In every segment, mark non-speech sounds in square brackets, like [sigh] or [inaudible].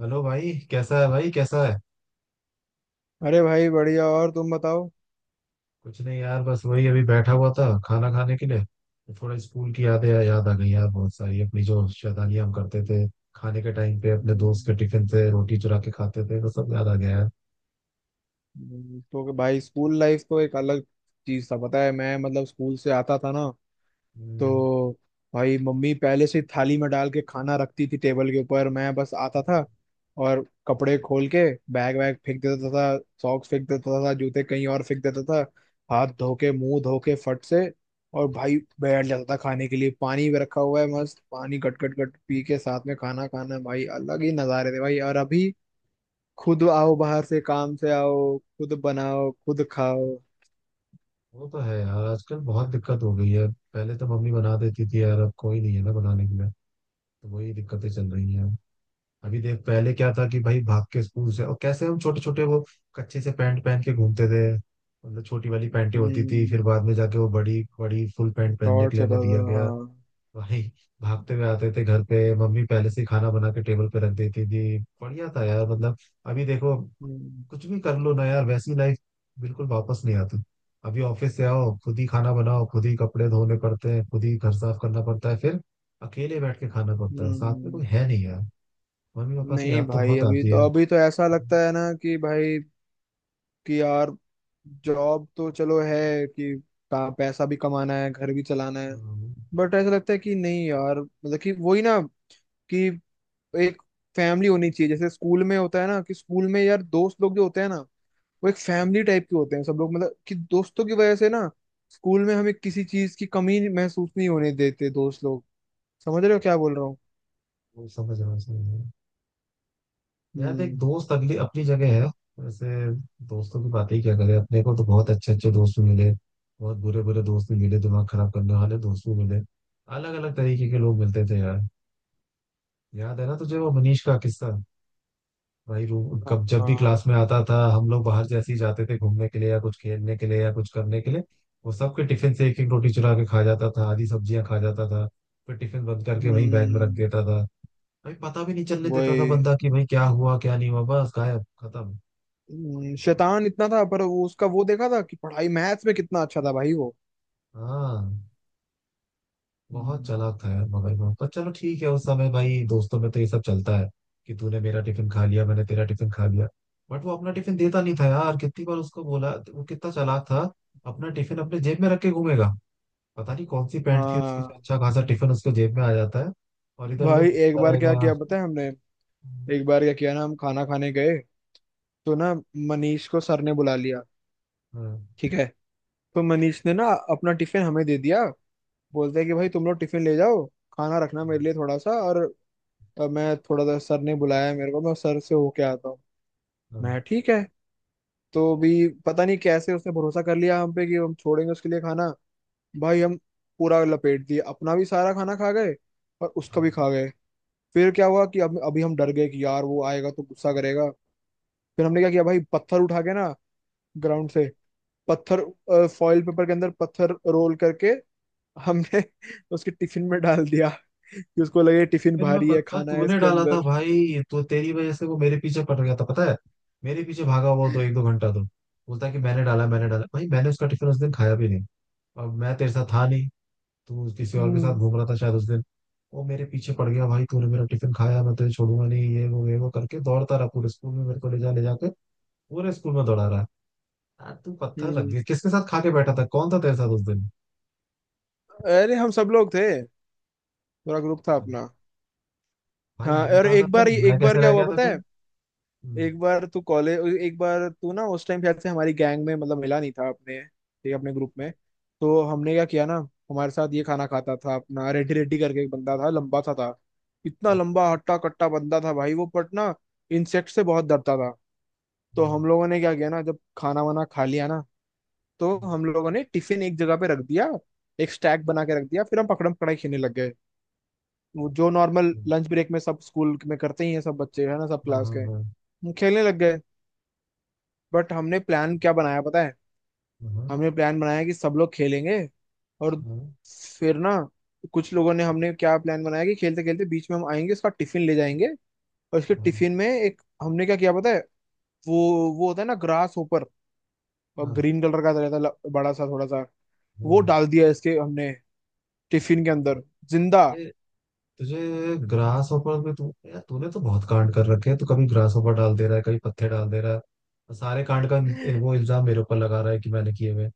Hello भाई, कैसा है भाई, कैसा है? अरे भाई बढ़िया और तुम बताओ। कुछ नहीं यार, बस वही अभी बैठा हुआ था खाना खाने के लिए तो थोड़ा स्कूल की यादें याद आ गई यार। बहुत सारी अपनी जो शैतानियां हम करते थे खाने के टाइम पे, अपने दोस्त के हम्म, टिफिन से रोटी चुरा के खाते थे, वो सब याद आ गया यार। तो भाई स्कूल लाइफ तो एक अलग चीज था पता है। मैं मतलब स्कूल से आता था ना हम्म, तो भाई मम्मी पहले से थाली में डाल के खाना रखती थी टेबल के ऊपर। मैं बस आता था और कपड़े खोल के बैग वैग फेंक देता था सॉक्स फेंक देता था जूते कहीं और फेंक देता था। हाथ धो के मुंह धो के फट से और भाई बैठ जाता था खाने के लिए। पानी भी रखा हुआ है मस्त पानी गट गट गट पी के साथ में खाना खाना भाई अलग ही नजारे थे भाई। और अभी खुद आओ बाहर से काम से आओ खुद बनाओ खुद खाओ। वो तो है यार, आजकल बहुत दिक्कत हो गई है। पहले तो मम्मी बना देती थी यार, अब कोई नहीं है ना बनाने के लिए, तो वही दिक्कतें चल रही हैं। अभी देख, पहले क्या था कि भाई भाग के स्कूल से, और कैसे हम छोटे छोटे वो कच्चे से पैंट पहन के घूमते थे, मतलब छोटी वाली पैंटें होती थी। फिर हम्म। बाद में जाके वो बड़ी बड़ी फुल पैंट पहनने के शॉर्ट्स लिए होता हमें था दिया गया हाँ। भाई। भागते हुए आते थे घर पे, मम्मी पहले से ही खाना बना के टेबल पे रख देती थी, बढ़िया था यार मतलब। अभी देखो हम्म। कुछ भी कर लो ना यार, वैसी लाइफ बिल्कुल वापस नहीं आती। अभी ऑफिस से आओ, खुद ही खाना बनाओ, खुद ही कपड़े धोने पड़ते हैं, खुद ही घर साफ करना पड़ता है, फिर अकेले बैठ के खाना पड़ता है, साथ में हम्म, कोई है नहीं यार। मम्मी पापा की नहीं याद तो भाई बहुत अभी आती है। तो अभी तो ऐसा लगता है ना कि भाई कि यार जॉब तो चलो है कि पैसा भी कमाना है घर भी चलाना है। हाँ, बट ऐसा लगता है कि नहीं यार मतलब कि वही ना कि एक फैमिली होनी चाहिए जैसे स्कूल में होता है ना कि स्कूल में यार दोस्त लोग जो होते हैं ना वो एक फैमिली टाइप के होते हैं सब लोग। मतलब कि दोस्तों की वजह से ना स्कूल में हमें किसी चीज की कमी नहीं- महसूस नहीं होने देते दोस्त लोग। समझ रहे हो क्या बोल रहा हूँ? वो समझ रहा हूँ, समझ रहा हूँ। यार एक हम्म। दोस्त अगली अपनी जगह है। वैसे दोस्तों की बात ही क्या करें, अपने को तो बहुत अच्छे अच्छे दोस्त भी मिले, बहुत बुरे बुरे दोस्त भी मिले, दिमाग खराब करने वाले दोस्त भी मिले। अलग अलग तरीके के लोग मिलते थे यार। याद है ना तुझे वो मनीष का किस्सा? भाई रू हाँ कब जब भी क्लास हाँ। में आता था, हम लोग बाहर जैसे ही जाते थे घूमने के लिए या कुछ खेलने के लिए या कुछ करने के लिए, वो सबके टिफिन से एक एक रोटी चुरा के खा जाता था, आधी सब्जियां खा जाता था, फिर टिफिन बंद करके वहीं बैग में रख हम्म। देता था। भाई पता भी नहीं चलने देता था वही। बंदा कि भाई क्या हुआ क्या नहीं हुआ, बस गायब, खत्म। शैतान इतना था पर वो उसका वो देखा था कि पढ़ाई मैथ्स में कितना अच्छा था भाई वो। हाँ, बहुत हम्म, चालाक था यार, मगर वो, पर चलो ठीक है, उस समय भाई दोस्तों में तो ये सब चलता है कि तूने मेरा टिफिन खा लिया, मैंने तेरा टिफिन खा लिया। बट वो अपना टिफिन देता नहीं था यार, कितनी बार उसको बोला। वो कितना चालाक था, अपना टिफिन अपने जेब में रख के घूमेगा। पता नहीं कौन सी पैंट थी उसकी जो हाँ। अच्छा खासा टिफिन उसके जेब में आ जाता है, और इधर उधर भाई एक घूमता बार रहेगा। क्या हाँ, किया पता है हमने। एक बार क्या किया ना हम खाना खाने गए तो ना मनीष को सर ने बुला लिया। हाँ, ठीक है। तो मनीष ने ना अपना टिफिन हमें दे दिया। बोलते हैं कि भाई तुम लोग टिफिन ले जाओ खाना रखना हाँ, मेरे लिए थोड़ा सा और। मैं थोड़ा सा सर ने बुलाया है मेरे को मैं सर से होके आता हूँ। हाँ। मैं ठीक है। तो भी पता नहीं कैसे उसने भरोसा कर लिया हम पे कि हम छोड़ेंगे उसके लिए खाना। भाई हम पूरा लपेट दिए अपना भी सारा खाना खा गए और उसका भी हाँ। खा गए। फिर क्या हुआ कि अब अभी हम डर गए कि यार वो आएगा तो गुस्सा करेगा। फिर हमने क्या किया भाई पत्थर उठा के ना ग्राउंड से पत्थर फॉइल पेपर के अंदर पत्थर रोल करके हमने उसके टिफिन में डाल दिया। कि उसको लगे टिफिन टिफिन में भारी है पत्थर खाना है तूने इसके डाला था अंदर। भाई, तो तेरी वजह से वो मेरे पीछे पड़ गया था पता है। मेरे पीछे भागा हुआ तो एक दो घंटा, तो बोलता है कि मैंने डाला मैंने डाला। भाई मैंने उसका टिफिन उस दिन खाया भी नहीं, और मैं तेरे साथ था नहीं। तू किसी और के साथ हम्म। घूम रहा था शायद उस दिन। वो मेरे पीछे पड़ गया भाई, तूने मेरा टिफिन खाया, मैं तुझे छोड़ूंगा नहीं, ये वो ये वो करके दौड़ता रहा पूरे स्कूल में, मेरे को ले जा ले जाके पूरे स्कूल में दौड़ा रहा। यार तू पत्थर रख हम्म। दिया, किसके साथ खा के बैठा था, कौन था तेरे साथ उस दिन? अरे हम सब लोग थे पूरा ग्रुप था अपना। भाई हाँ मैं और कहाँ था फिर, मैं एक बार कैसे क्या रह हुआ गया था पता फिर? है। हम्म, एक बार तू कॉलेज एक बार तू ना उस टाइम शायद से हमारी गैंग में मतलब मिला नहीं था अपने ठीक है, अपने ग्रुप में। तो हमने क्या किया ना हमारे साथ ये खाना खाता था अपना रेड्डी रेड्डी करके एक बंदा था लंबा सा था। इतना हम्म, लंबा हट्टा कट्टा बंदा था भाई वो पट ना इंसेक्ट से बहुत डरता था। तो हम लोगों ने क्या किया ना जब खाना वाना खा लिया ना तो हम्म, हम लोगों ने टिफिन एक जगह पे रख दिया एक स्टैक बना के रख दिया फिर हम पकड़म पकड़ाई खेलने लग गए। वो जो नॉर्मल हम्म, लंच ब्रेक में सब स्कूल में करते ही हैं सब बच्चे है ना सब हाँ क्लास हाँ के। हाँ, हम खेलने लग गए। बट हमने प्लान क्या बनाया पता है। हाँ, हमने प्लान बनाया कि सब लोग खेलेंगे और हाँ, फिर ना कुछ लोगों ने हमने क्या प्लान बनाया कि खेलते खेलते बीच में हम आएंगे उसका टिफिन ले जाएंगे। और उसके हाँ, टिफिन में एक हमने क्या किया पता है वो वो होता है ना ग्रास ऊपर और हाँ। ग्रीन कलर का रहता है बड़ा सा थोड़ा सा। हाँ। वो डाल दिया इसके हमने टिफिन के अंदर जिंदा। अरे तुझे ग्रास हॉपर पे तू यार तूने तो बहुत कांड कर रखे हैं। तू कभी ग्रास हॉपर डाल दे रहा है, कभी पत्ते डाल दे रहा है, और सारे कांड का वो इल्जाम मेरे ऊपर लगा रहा है कि मैंने किए हुए,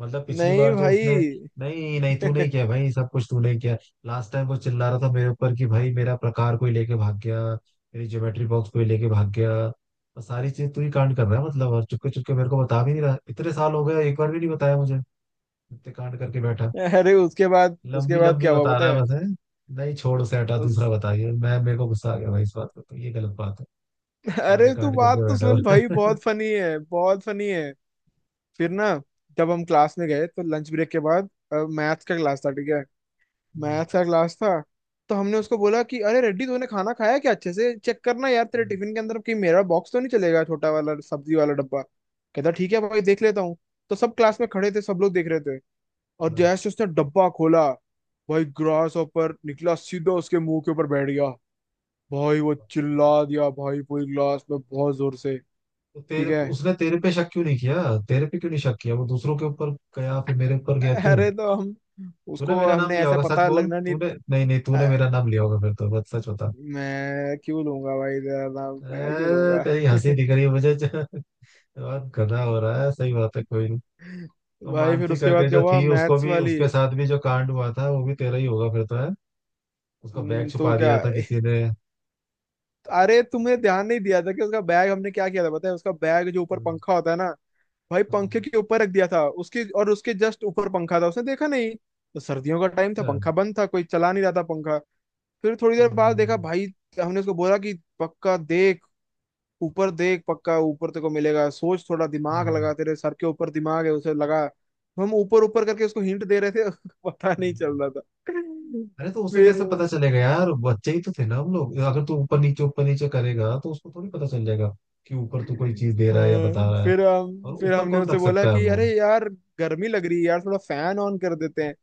मतलब पिछली नहीं बार जो उसने। भाई। नहीं नहीं, तू [laughs] नहीं किया भाई, सब कुछ तू नहीं किया। लास्ट टाइम वो चिल्ला रहा था मेरे ऊपर कि भाई मेरा प्रकार कोई लेके भाग गया, मेरी ज्योमेट्री बॉक्स कोई लेके भाग गया, और सारी चीज तू ही कांड कर रहा है मतलब, और चुपके चुपके मेरे को बता भी नहीं रहा। इतने साल हो गए, एक बार भी नहीं बताया मुझे, इतने कांड करके बैठा है, अरे उसके बाद उसके लंबी बाद लंबी क्या हुआ बता पता रहा है है। बस है। नहीं छोड़ उसे, हटा, दूसरा उस बताइए, मैं, मेरे को गुस्सा आ गया भाई इस बात पे, तो ये गलत बात है। सारे अरे तू कांड बात करके तो बैठा हुआ सुन भाई है। बहुत [laughs] फनी है बहुत फनी है। फिर ना जब हम क्लास में गए तो लंच ब्रेक के बाद मैथ्स का क्लास था। ठीक है। हम्म, मैथ्स का क्लास था। तो हमने उसको बोला कि अरे रेड्डी तूने खाना खाया क्या अच्छे से चेक करना यार तेरे हम्म, टिफिन के अंदर कि मेरा बॉक्स तो नहीं चलेगा छोटा वाला सब्जी वाला डब्बा। कहता ठीक है भाई देख लेता हूँ। तो सब क्लास में खड़े थे सब लोग देख रहे थे। और हाँ। जैसे उसने डब्बा खोला भाई ग्रास ऊपर निकला सीधा उसके मुंह के ऊपर बैठ गया। भाई वो चिल्ला दिया भाई पूरी क्लास में बहुत जोर से। तो ठीक तेरे है। उसने तेरे पे शक क्यों नहीं किया? तेरे पे क्यों नहीं शक किया, वो दूसरों के ऊपर गया, फिर मेरे ऊपर गया क्यों? अरे तो हम तूने उसको मेरा नाम हमने लिया ऐसा होगा, सच पता बोल, लगना नहीं। तूने, नहीं नहीं, तूने अ, मेरा नाम लिया होगा फिर तो, बस सच बता। मैं क्यों लूंगा भाई तेरा नाम मैं क्यों ए, लूंगा। तेरी हंसी दिख रही है मुझे। [laughs] बहुत गधा हो रहा है, सही बात है, कोई नहीं। [laughs] तो भाई फिर मानसी उसके बाद करके क्या जो हुआ थी, उसको मैथ्स भी, वाली। उसके साथ भी जो कांड हुआ था, वो भी तेरा ही होगा फिर तो है। उसका बैग तो छुपा क्या दिया था किसी ने। अरे तुमने ध्यान नहीं दिया था कि उसका बैग हमने क्या किया था पता है उसका बैग जो ऊपर पंखा होता है ना। भाई अच्छा। पंखे के ऊपर रख दिया था उसके और उसके जस्ट ऊपर पंखा था उसने देखा नहीं। तो सर्दियों का टाइम था हाँ पंखा बंद था कोई चला नहीं रहा था पंखा। फिर थोड़ी देर बाद देखा हाँ भाई। हमने उसको बोला कि पक्का देख ऊपर देख पक्का ऊपर तेरे को मिलेगा सोच थोड़ा हाँ, दिमाग हाँ। लगा तेरे सर के ऊपर दिमाग है उसे लगा तो हम ऊपर ऊपर करके उसको हिंट दे रहे थे। [laughs] पता नहीं हम्म। चल रहा था। अरे तो उसे फिर कैसे पता चलेगा यार, बच्चे ही तो थे ना हम लोग। अगर तू ऊपर नीचे करेगा तो उसको थोड़ी पता चल जाएगा कि ऊपर तू कोई चीज दे रहा है या बता हाँ, रहा है, फिर और हम फिर ऊपर हमने कौन उसे रख बोला सकता है कि वो। अरे यार गर्मी लग रही है यार थोड़ा फैन ऑन कर देते हैं।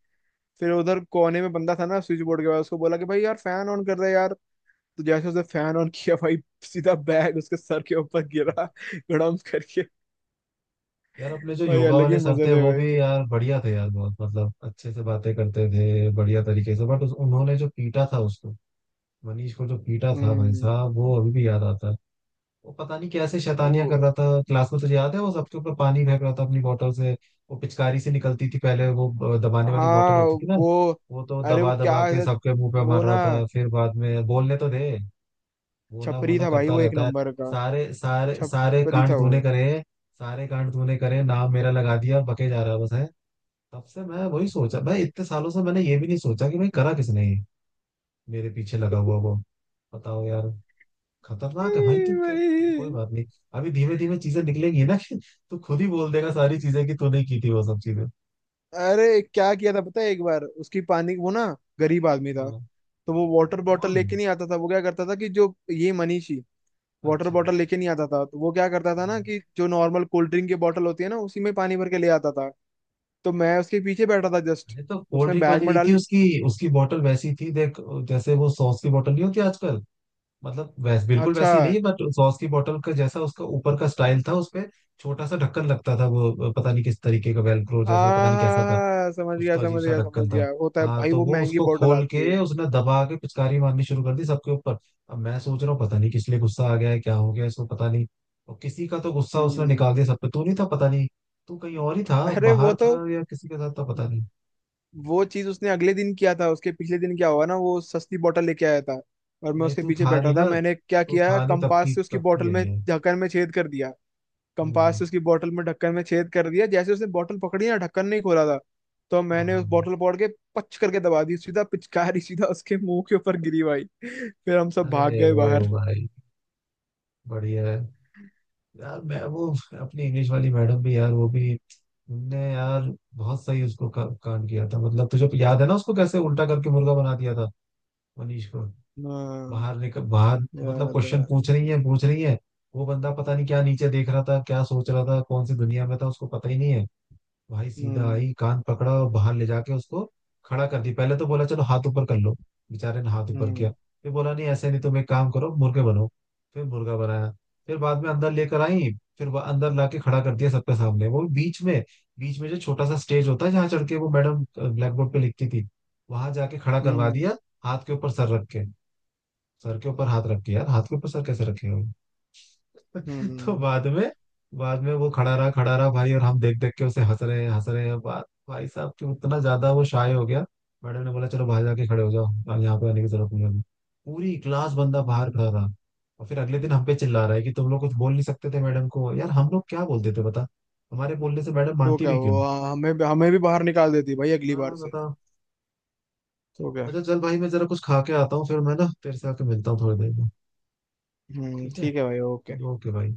फिर उधर कोने में बंदा था ना स्विच बोर्ड के पास उसको बोला कि भाई यार फैन ऑन कर दे यार। तो जैसे उसने फैन ऑन किया भाई सीधा बैग उसके सर के ऊपर गिरा गड़म करके। यार अपने जो भाई योगा अलग वाले ही सर मजे थे, थे वो भी भाई। यार बढ़िया थे यार, बहुत मतलब अच्छे से बातें करते थे, बढ़िया तरीके से, बट उन्होंने जो पीटा था उसको, मनीष को जो पीटा था भाई हम्म। साहब, वो अभी भी याद आता है। वो पता नहीं कैसे वो शैतानियां कर रहा था क्लास में, तुझे याद है? वो सबके ऊपर पानी फेंक रहा था अपनी बोतल से। वो पिचकारी से निकलती थी पहले वो, दबाने वाली बोतल हाँ होती थी ना, वो वो तो अरे वो दबा दबा क्या के है, सबके मुंह पे वो मार ना रहा था। फिर बाद में बोलने तो दे, वो ना वो छपरी ना था भाई करता वो एक रहता है। नंबर का। सारे सारे सारे छपरी था कांड वो। तूने करे, सारे कांड तूने करे, नाम मेरा लगा दिया, बके जा रहा है बस है। तब से मैं वही सोचा भाई, इतने सालों से मैंने ये भी नहीं सोचा कि भाई करा किसने ये, मेरे पीछे लगा हुआ वो। बताओ यार, ए खतरनाक है भाई तू क्या। भाई। कोई बात नहीं, अभी धीमे धीमे चीजें निकलेंगी ना। [laughs] तू खुद ही बोल देगा सारी चीजें कि तूने की थी वो सब चीजें। अरे क्या किया था पता है एक बार उसकी पानी वो ना गरीब आदमी था। हाँ। तो वो वाटर बॉटल कौन? लेके नहीं आता था वो क्या करता था कि जो ये मनीष वाटर अच्छा। बॉटल लेके नहीं आता था तो वो क्या करता था ना कि जो नॉर्मल कोल्ड ड्रिंक की बॉटल होती है ना उसी में पानी भर के ले आता था। तो मैं उसके पीछे बैठा था जस्ट अरे तो कोल्ड उसने ड्रिंक बैग वाली में नहीं डाल थी ली। उसकी? उसकी बोतल वैसी थी देख, जैसे वो सॉस की बोतल नहीं होती आजकल, मतलब वैस बिल्कुल अच्छा वैसी नहीं, बट सॉस की बोतल का जैसा उसका ऊपर का स्टाइल था उसपे। छोटा सा ढक्कन लगता था, वो पता नहीं किस तरीके का, वेलक्रो आ जैसा, पता नहीं कैसा था, समझ गया उसका अजीब समझ सा गया समझ ढक्कन था। गया होता है हाँ भाई तो वो वो महंगी उसको बॉटल खोल आती के है। उसने दबा के पिचकारी मारनी शुरू कर दी सबके ऊपर। अब मैं सोच रहा हूँ पता नहीं किस लिए गुस्सा आ गया है, क्या हो गया इसको पता नहीं, और किसी का तो गुस्सा उसने हम्म। निकाल दिया सब पे। तू नहीं था पता नहीं, तू कहीं और ही था, अरे वो बाहर तो था या किसी के साथ था पता नहीं। वो चीज उसने अगले दिन किया था उसके पिछले दिन क्या हुआ ना वो सस्ती बॉटल लेके आया था। और मैं नहीं उसके तू पीछे था बैठा नहीं था ना, मैंने क्या तू किया था नहीं, तब की कंपास से उसकी तब की बॉटल है में ये। ढक्कन में छेद कर दिया। कंपास हम्म, से उसकी बोतल में ढक्कन में छेद कर दिया जैसे उसने बोतल पकड़ी ना ढक्कन नहीं खोला था। तो हाँ हाँ मैंने उस हाँ। बोतल पकड़ के पच करके दबा दी सीधा पिचकारी सीधा उसके मुंह के ऊपर गिरी भाई फिर हम सब भाग अरे गए वो बाहर। भाई बढ़िया है। यार मैं वो अपनी इंग्लिश वाली मैडम भी यार, वो भी उनने यार बहुत सही उसको कांड किया था, मतलब तुझे याद है ना उसको कैसे उल्टा करके मुर्गा बना दिया था मनीष को? हाँ। बाहर निकल बाहर, मतलब याद क्वेश्चन है। पूछ रही है, पूछ रही है, वो बंदा पता नहीं क्या नीचे देख रहा था, क्या सोच रहा था, कौन सी दुनिया में था, उसको पता ही नहीं है। भाई सीधा आई, हम्म। कान पकड़ा और बाहर ले जाके उसको खड़ा कर दी। पहले तो बोला चलो हाथ ऊपर कर लो, बेचारे ने हाथ ऊपर किया, हम्म। फिर बोला नहीं ऐसे नहीं, तुम एक काम करो मुर्गे बनो, फिर मुर्गा बनाया। फिर बाद में अंदर लेकर आई, फिर वह अंदर लाके खड़ा कर दिया सबके सामने, वो भी बीच में, बीच में जो छोटा सा स्टेज होता है जहाँ चढ़ के वो मैडम ब्लैक बोर्ड पे लिखती थी, वहां जाके खड़ा करवा हम्म। दिया। हाथ के ऊपर सर रख के, सर के ऊपर हाथ रख के, यार हाथ के ऊपर सर कैसे रखेगा। तो हम्म। बाद में वो खड़ा रहा भाई, और हम देख देख के उसे हंस रहे हैं हंस रहे हैं, बात भाई साहब कि उतना ज्यादा वो शाय हो गया। मैडम ने बोला चलो बाहर जाके खड़े हो जाओ, यहाँ यहाँ पे आने की जरूरत नहीं है। पूरी क्लास बंदा बाहर हम्म। खड़ा रहा। और फिर अगले दिन हम पे चिल्ला रहा है कि तुम लोग कुछ बोल नहीं सकते थे मैडम को। यार हम लोग क्या बोलते थे बता, हमारे बोलने से मैडम तो मानती क्या भी क्यों। हुआ हमें हमें भी बाहर निकाल देती भाई अगली बार हाँ से। बताओ। तो क्या। अच्छा चल भाई, मैं जरा कुछ खा के आता हूँ, फिर मैं ना तेरे से आके मिलता हूँ थोड़ी देर में। ठीक है, ठीक है भाई ओके। चलो ओके भाई।